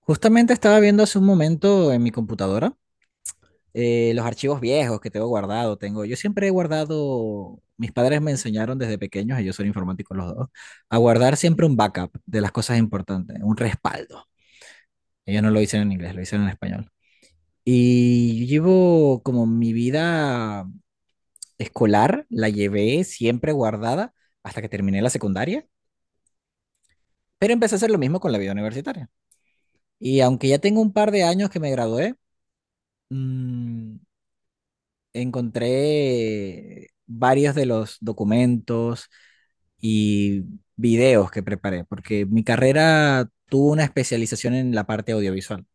Justamente estaba viendo hace un momento en mi computadora los archivos viejos que tengo guardado. Tengo, yo siempre he guardado, mis padres me enseñaron desde pequeños, ellos son informáticos los dos, a guardar siempre un backup de las cosas importantes, un respaldo. Ellos no lo hicieron en inglés, lo hicieron en español. Y yo llevo como mi vida escolar, la llevé siempre guardada hasta que terminé la secundaria, pero empecé a hacer lo mismo con la vida universitaria. Y aunque ya tengo un par de años que me gradué, mm, encontré varios de los documentos y videos que preparé, porque mi carrera tuvo una especialización en la parte audiovisual.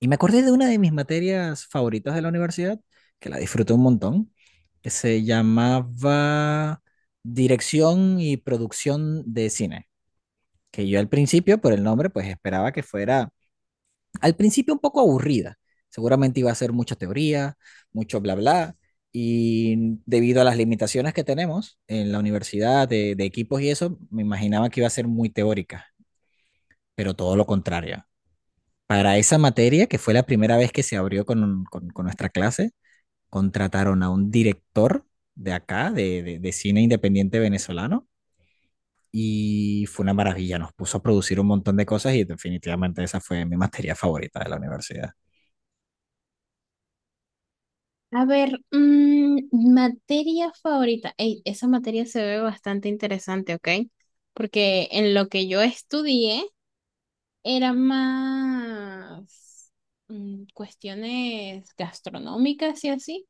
Y me acordé de una de mis materias favoritas de la universidad, que la disfruté un montón, que se llamaba Dirección y Producción de Cine, que yo al principio, por el nombre, pues esperaba que fuera al principio un poco aburrida. Seguramente iba a ser mucha teoría, mucho bla bla, y debido a las limitaciones que tenemos en la universidad de equipos y eso, me imaginaba que iba a ser muy teórica, pero todo lo contrario. Para esa materia, que fue la primera vez que se abrió con, con nuestra clase, contrataron a un director de acá, de cine independiente venezolano, y fue una maravilla. Nos puso a producir un montón de cosas y definitivamente esa fue mi materia favorita de la universidad. A ver, materia favorita. Ey, esa materia se ve bastante interesante, ¿ok? Porque en lo que yo estudié era más cuestiones gastronómicas y así,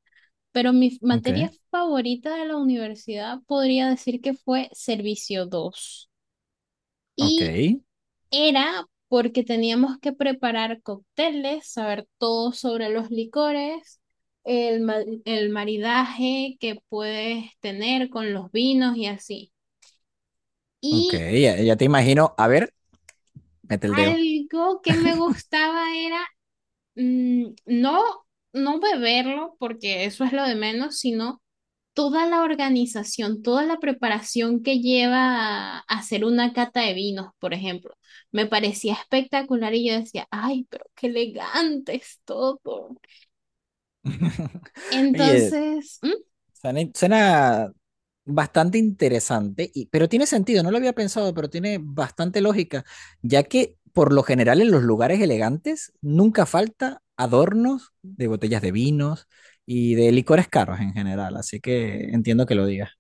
pero mi Ok. materia favorita de la universidad podría decir que fue Servicio 2. Ok, Era porque teníamos que preparar cócteles, saber todo sobre los licores, el, ma- el maridaje que puedes tener con los vinos y así. ok, Y ya, ya te imagino. A ver, mete el dedo. algo que me gustaba era no, no beberlo, porque eso es lo de menos, sino toda la organización, toda la preparación que lleva a hacer una cata de vinos, por ejemplo. Me parecía espectacular y yo decía, ay, pero qué elegante es todo. Oye, Entonces, ¿m? suena, suena bastante interesante, y, pero tiene sentido, no lo había pensado, pero tiene bastante lógica, ya que por lo general en los lugares elegantes nunca falta adornos de botellas de vinos y de licores caros en general, así que entiendo que lo digas.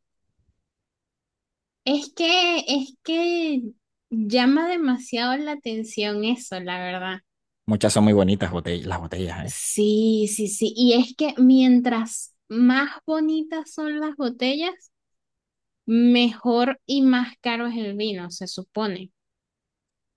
es que llama demasiado la atención eso, la verdad. Muchas son muy bonitas botellas, las botellas, ¿eh? Sí, sí, sí. Y es que mientras más bonitas son las botellas, mejor y más caro es el vino, se supone.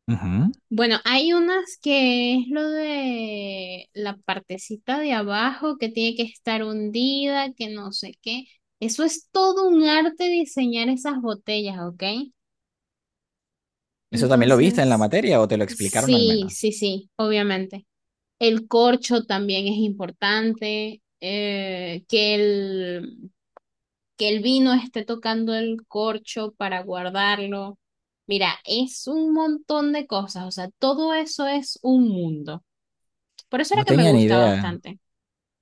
Ujú. Bueno, hay unas que es lo de la partecita de abajo que tiene que estar hundida, que no sé qué. Eso es todo un arte diseñar esas botellas, ¿ok? ¿Eso también lo viste en la Entonces, materia o te lo explicaron al sí, menos? sí, sí, obviamente. El corcho también es importante, que el vino esté tocando el corcho para guardarlo. Mira, es un montón de cosas, o sea, todo eso es un mundo. Por eso No era que me tenía ni gusta idea. bastante.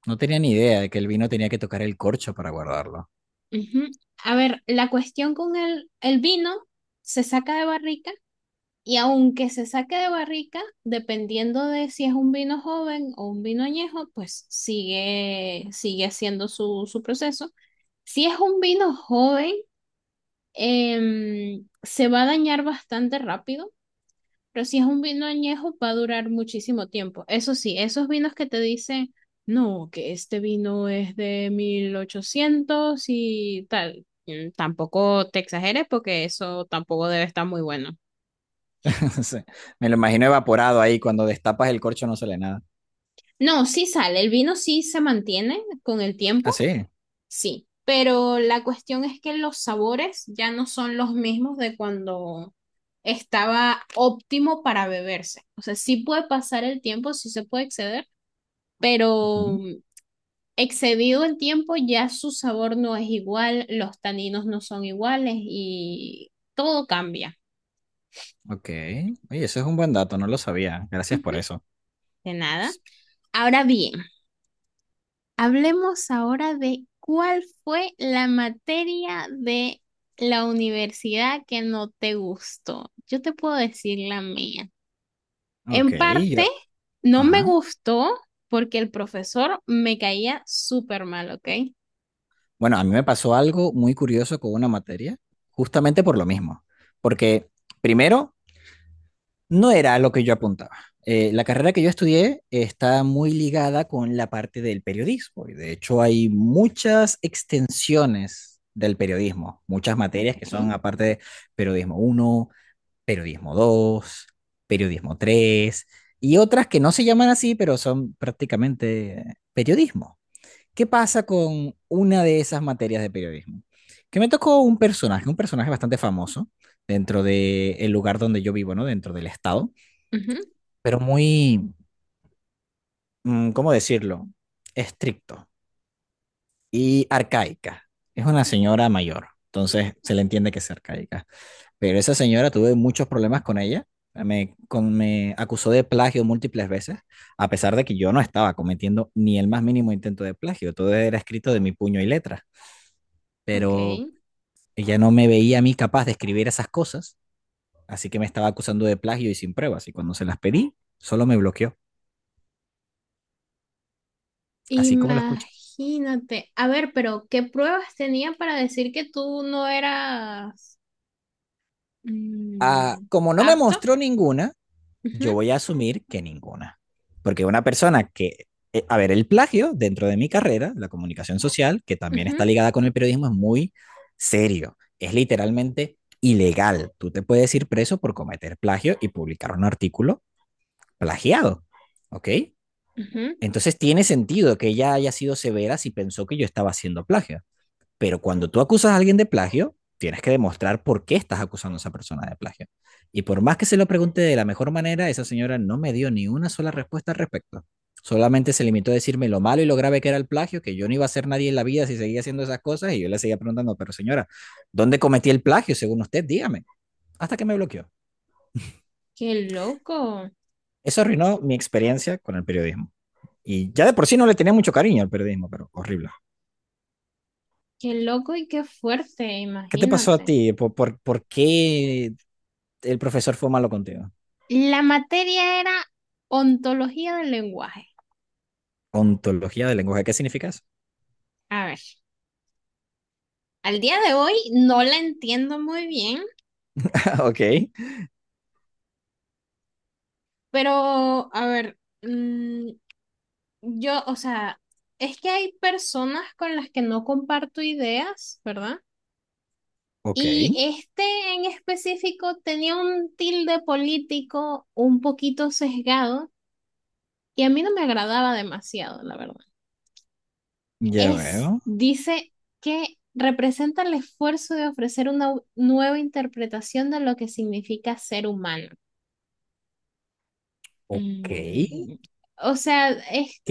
No tenía ni idea de que el vino tenía que tocar el corcho para guardarlo. Ujú. A ver, la cuestión con el vino se saca de barrica y aunque se saque de barrica, dependiendo de si es un vino joven o un vino añejo, pues sigue haciendo su proceso. Si es un vino joven, se va a dañar bastante rápido. Pero si es un vino añejo, va a durar muchísimo tiempo. Eso sí, esos vinos que te dicen, no, que este vino es de 1800 y tal, tampoco te exageres porque eso tampoco debe estar muy bueno. Sí. Me lo imagino evaporado ahí, cuando destapas el corcho no sale nada. No, sí sale, el vino sí se mantiene con el Ah, tiempo, sí. sí, pero la cuestión es que los sabores ya no son los mismos de cuando estaba óptimo para beberse. O sea, sí puede pasar el tiempo, sí se puede exceder, pero Ujú. excedido el tiempo, ya su sabor no es igual, los taninos no son iguales y todo cambia. Ok. Oye, eso es un buen dato, no lo sabía. Gracias Ujú. por eso. De nada. Ahora bien, hablemos ahora de cuál fue la materia de la universidad que no te gustó. Yo te puedo decir la mía. Ok, En yo, parte, no me ajá. gustó porque el profesor me caía súper mal, ¿ok? Bueno, a mí me pasó algo muy curioso con una materia, justamente por lo mismo. Porque primero, no era lo que yo apuntaba. La carrera que yo estudié está muy ligada con la parte del periodismo. De hecho, hay muchas extensiones del periodismo, muchas materias Ok. que son aparte de periodismo uno, periodismo 2, periodismo 3 y otras que no se llaman así, pero son prácticamente periodismo. ¿Qué pasa con una de esas materias de periodismo? Que me tocó un personaje bastante famoso dentro del lugar donde yo vivo, ¿no? Dentro del estado, Ujú. pero muy, ¿cómo decirlo? Estricto y arcaica. Es una señora mayor, entonces se le entiende que es arcaica. Pero esa señora tuve muchos problemas con ella. Me acusó de plagio múltiples veces, a pesar de que yo no estaba cometiendo ni el más mínimo intento de plagio. Todo era escrito de mi puño y letra. Ok. Pero ella no me veía a mí capaz de escribir esas cosas, así que me estaba acusando de plagio y sin pruebas. Y cuando se las pedí, solo me bloqueó, así como lo escuchas. Imagínate. A ver, pero ¿qué pruebas tenía para decir que tú no eras Ah, mm, como no me apto? mostró ninguna, yo Ujú, voy a asumir que ninguna. Porque una persona que, a ver, el plagio dentro de mi carrera, la comunicación social, que también está ujú, ligada con el periodismo, es muy serio. Es literalmente ilegal. Tú te puedes ir preso por cometer plagio y publicar un artículo plagiado. ¿Ok? ujú. Entonces tiene sentido que ella haya sido severa si pensó que yo estaba haciendo plagio. Pero cuando tú acusas a alguien de plagio, tienes que demostrar por qué estás acusando a esa persona de plagio. Y por más que se lo pregunte de la mejor manera, esa señora no me dio ni una sola respuesta al respecto. Solamente se limitó a decirme lo malo y lo grave que era el plagio, que yo no iba a ser nadie en la vida si seguía haciendo esas cosas. Y yo le seguía preguntando, pero señora, ¿dónde cometí el plagio según usted? Dígame. Hasta que me bloqueó. Qué loco, Eso arruinó mi experiencia con el periodismo. Y ya de por sí no le tenía mucho cariño al periodismo, pero horrible. qué loco y qué fuerte, ¿Qué te pasó a imagínate. ti? ¿Por qué el profesor fue malo contigo? La materia era ontología del lenguaje. Ontología del lenguaje. ¿Qué significa eso? A ver, al día de hoy no la entiendo muy bien, Ok. pero a ver, yo, o sea, es que hay personas con las que no comparto ideas, ¿verdad? Ok, Y este en específico tenía un tilde político un poquito sesgado y a mí no me agradaba demasiado, la verdad. ya Es, veo. dice que representa el esfuerzo de ofrecer una nueva interpretación de lo que significa ser humano. Ok. Mm, O sea,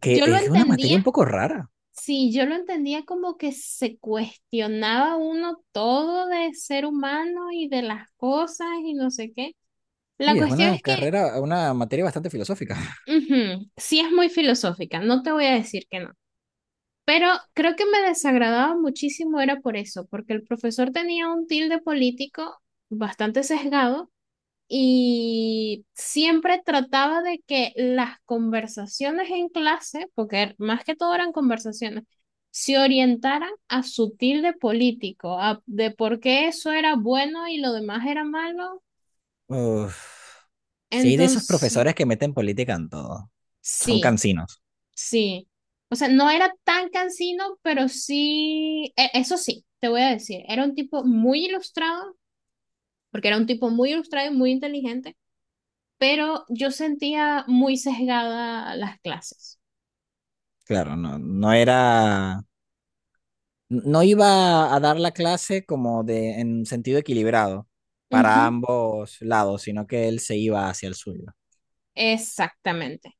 Que yo lo es una materia entendía, un poco rara. sí, yo lo entendía como que se cuestionaba uno todo de ser humano y de las cosas y no sé qué. La Sí, es cuestión una es que. carrera, una materia bastante filosófica. Ujú. Sí, es muy filosófica, no te voy a decir que no, pero creo que me desagradaba muchísimo era por eso, porque el profesor tenía un tilde político bastante sesgado y siempre trataba de que las conversaciones en clase, porque más que todo eran conversaciones, se orientaran a su tilde político, de por qué eso era bueno y lo demás era malo. Uf. Sí, de esos Entonces, profesores que meten política en todo. Son sí. cansinos. Sí, o sea, no era tan cansino, pero sí, eso sí, te voy a decir, era un tipo muy ilustrado, porque era un tipo muy ilustrado y muy inteligente, pero yo sentía muy sesgada las clases. Claro, no, no era. No iba a dar la clase como de, en sentido equilibrado Ujú. para ambos lados, sino que él se iba hacia el suyo. Exactamente.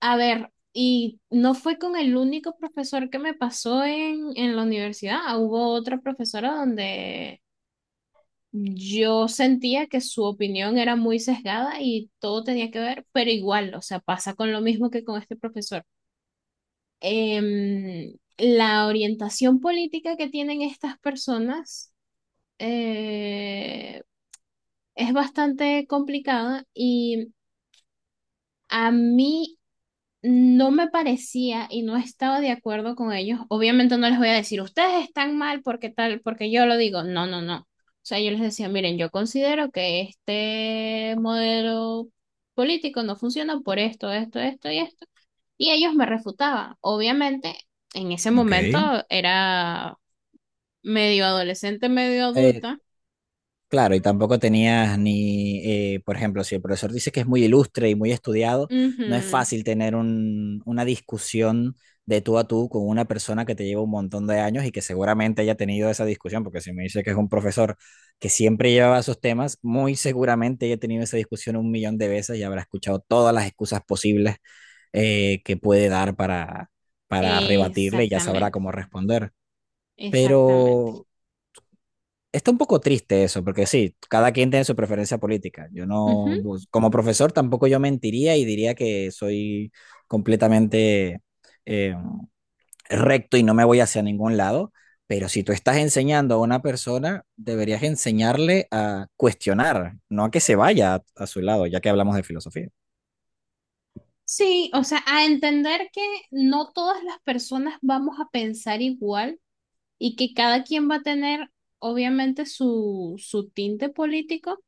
A ver, y no fue con el único profesor que me pasó en la universidad, hubo otra profesora donde yo sentía que su opinión era muy sesgada y todo tenía que ver, pero igual, o sea, pasa con lo mismo que con este profesor. La orientación política que tienen estas personas eh, es bastante complicada y a mí no me parecía y no estaba de acuerdo con ellos. Obviamente no les voy a decir, ustedes están mal porque tal, porque yo lo digo. No, no, no. O sea, yo les decía, miren, yo considero que este modelo político no funciona por esto, esto, esto y esto. Y ellos me refutaban. Obviamente, en ese Ok. momento era medio adolescente, medio Eh, adulta. claro, y tampoco tenías ni, por ejemplo, si el profesor dice que es muy ilustre y muy estudiado, no es Ujú. fácil tener una discusión de tú a tú con una persona que te lleva un montón de años y que seguramente haya tenido esa discusión, porque si me dice que es un profesor que siempre llevaba esos temas, muy seguramente haya tenido esa discusión un millón de veces y habrá escuchado todas las excusas posibles que puede dar para rebatirle y ya sabrá Exactamente, cómo responder. exactamente. Pero está un poco triste eso, porque sí, cada quien tiene su preferencia política. Yo no, Ujú. pues, como profesor tampoco yo mentiría y diría que soy completamente eh, recto y no me voy hacia ningún lado, pero si tú estás enseñando a una persona, deberías enseñarle a cuestionar, no a que se vaya a su lado, ya que hablamos de filosofía. Sí, o sea, a entender que no todas las personas vamos a pensar igual y que cada quien va a tener obviamente su tinte político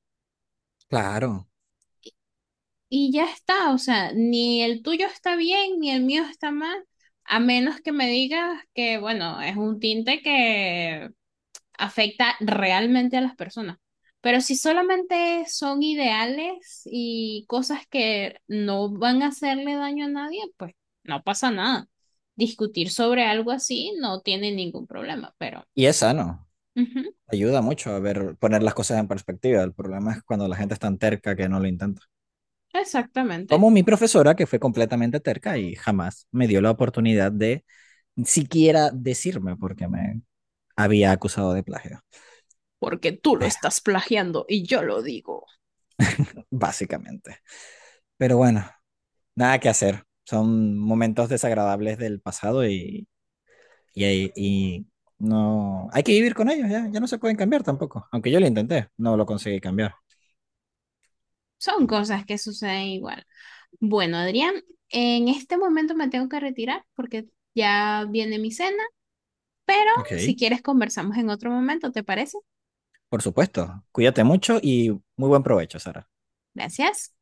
Claro, y ya está, o sea, ni el tuyo está bien ni el mío está mal, a menos que me digas que, bueno, es un tinte que afecta realmente a las personas. Pero si solamente son ideales y cosas que no van a hacerle daño a nadie, pues no pasa nada. Discutir sobre algo así no tiene ningún problema, pero y es sano, ujú, ayuda mucho a ver, poner las cosas en perspectiva. El problema es cuando la gente es tan terca que no lo intenta. exactamente, Como mi profesora, que fue completamente terca y jamás me dio la oportunidad de siquiera decirme porque me había acusado de plagio. porque tú Pero, lo digo. básicamente. Pero bueno, nada que hacer. Son momentos desagradables del pasado y, y no... Hay que vivir con ellos, ya, ya no se pueden cambiar tampoco. Aunque yo lo intenté, no lo conseguí cambiar. Son cosas que suceden igual. Bueno, Adrián, en este momento me tengo que retirar porque ya viene mi cena, pero Ok, si quieres conversamos en otro momento, ¿te parece? por supuesto. Cuídate mucho y muy buen provecho, Sara. Gracias.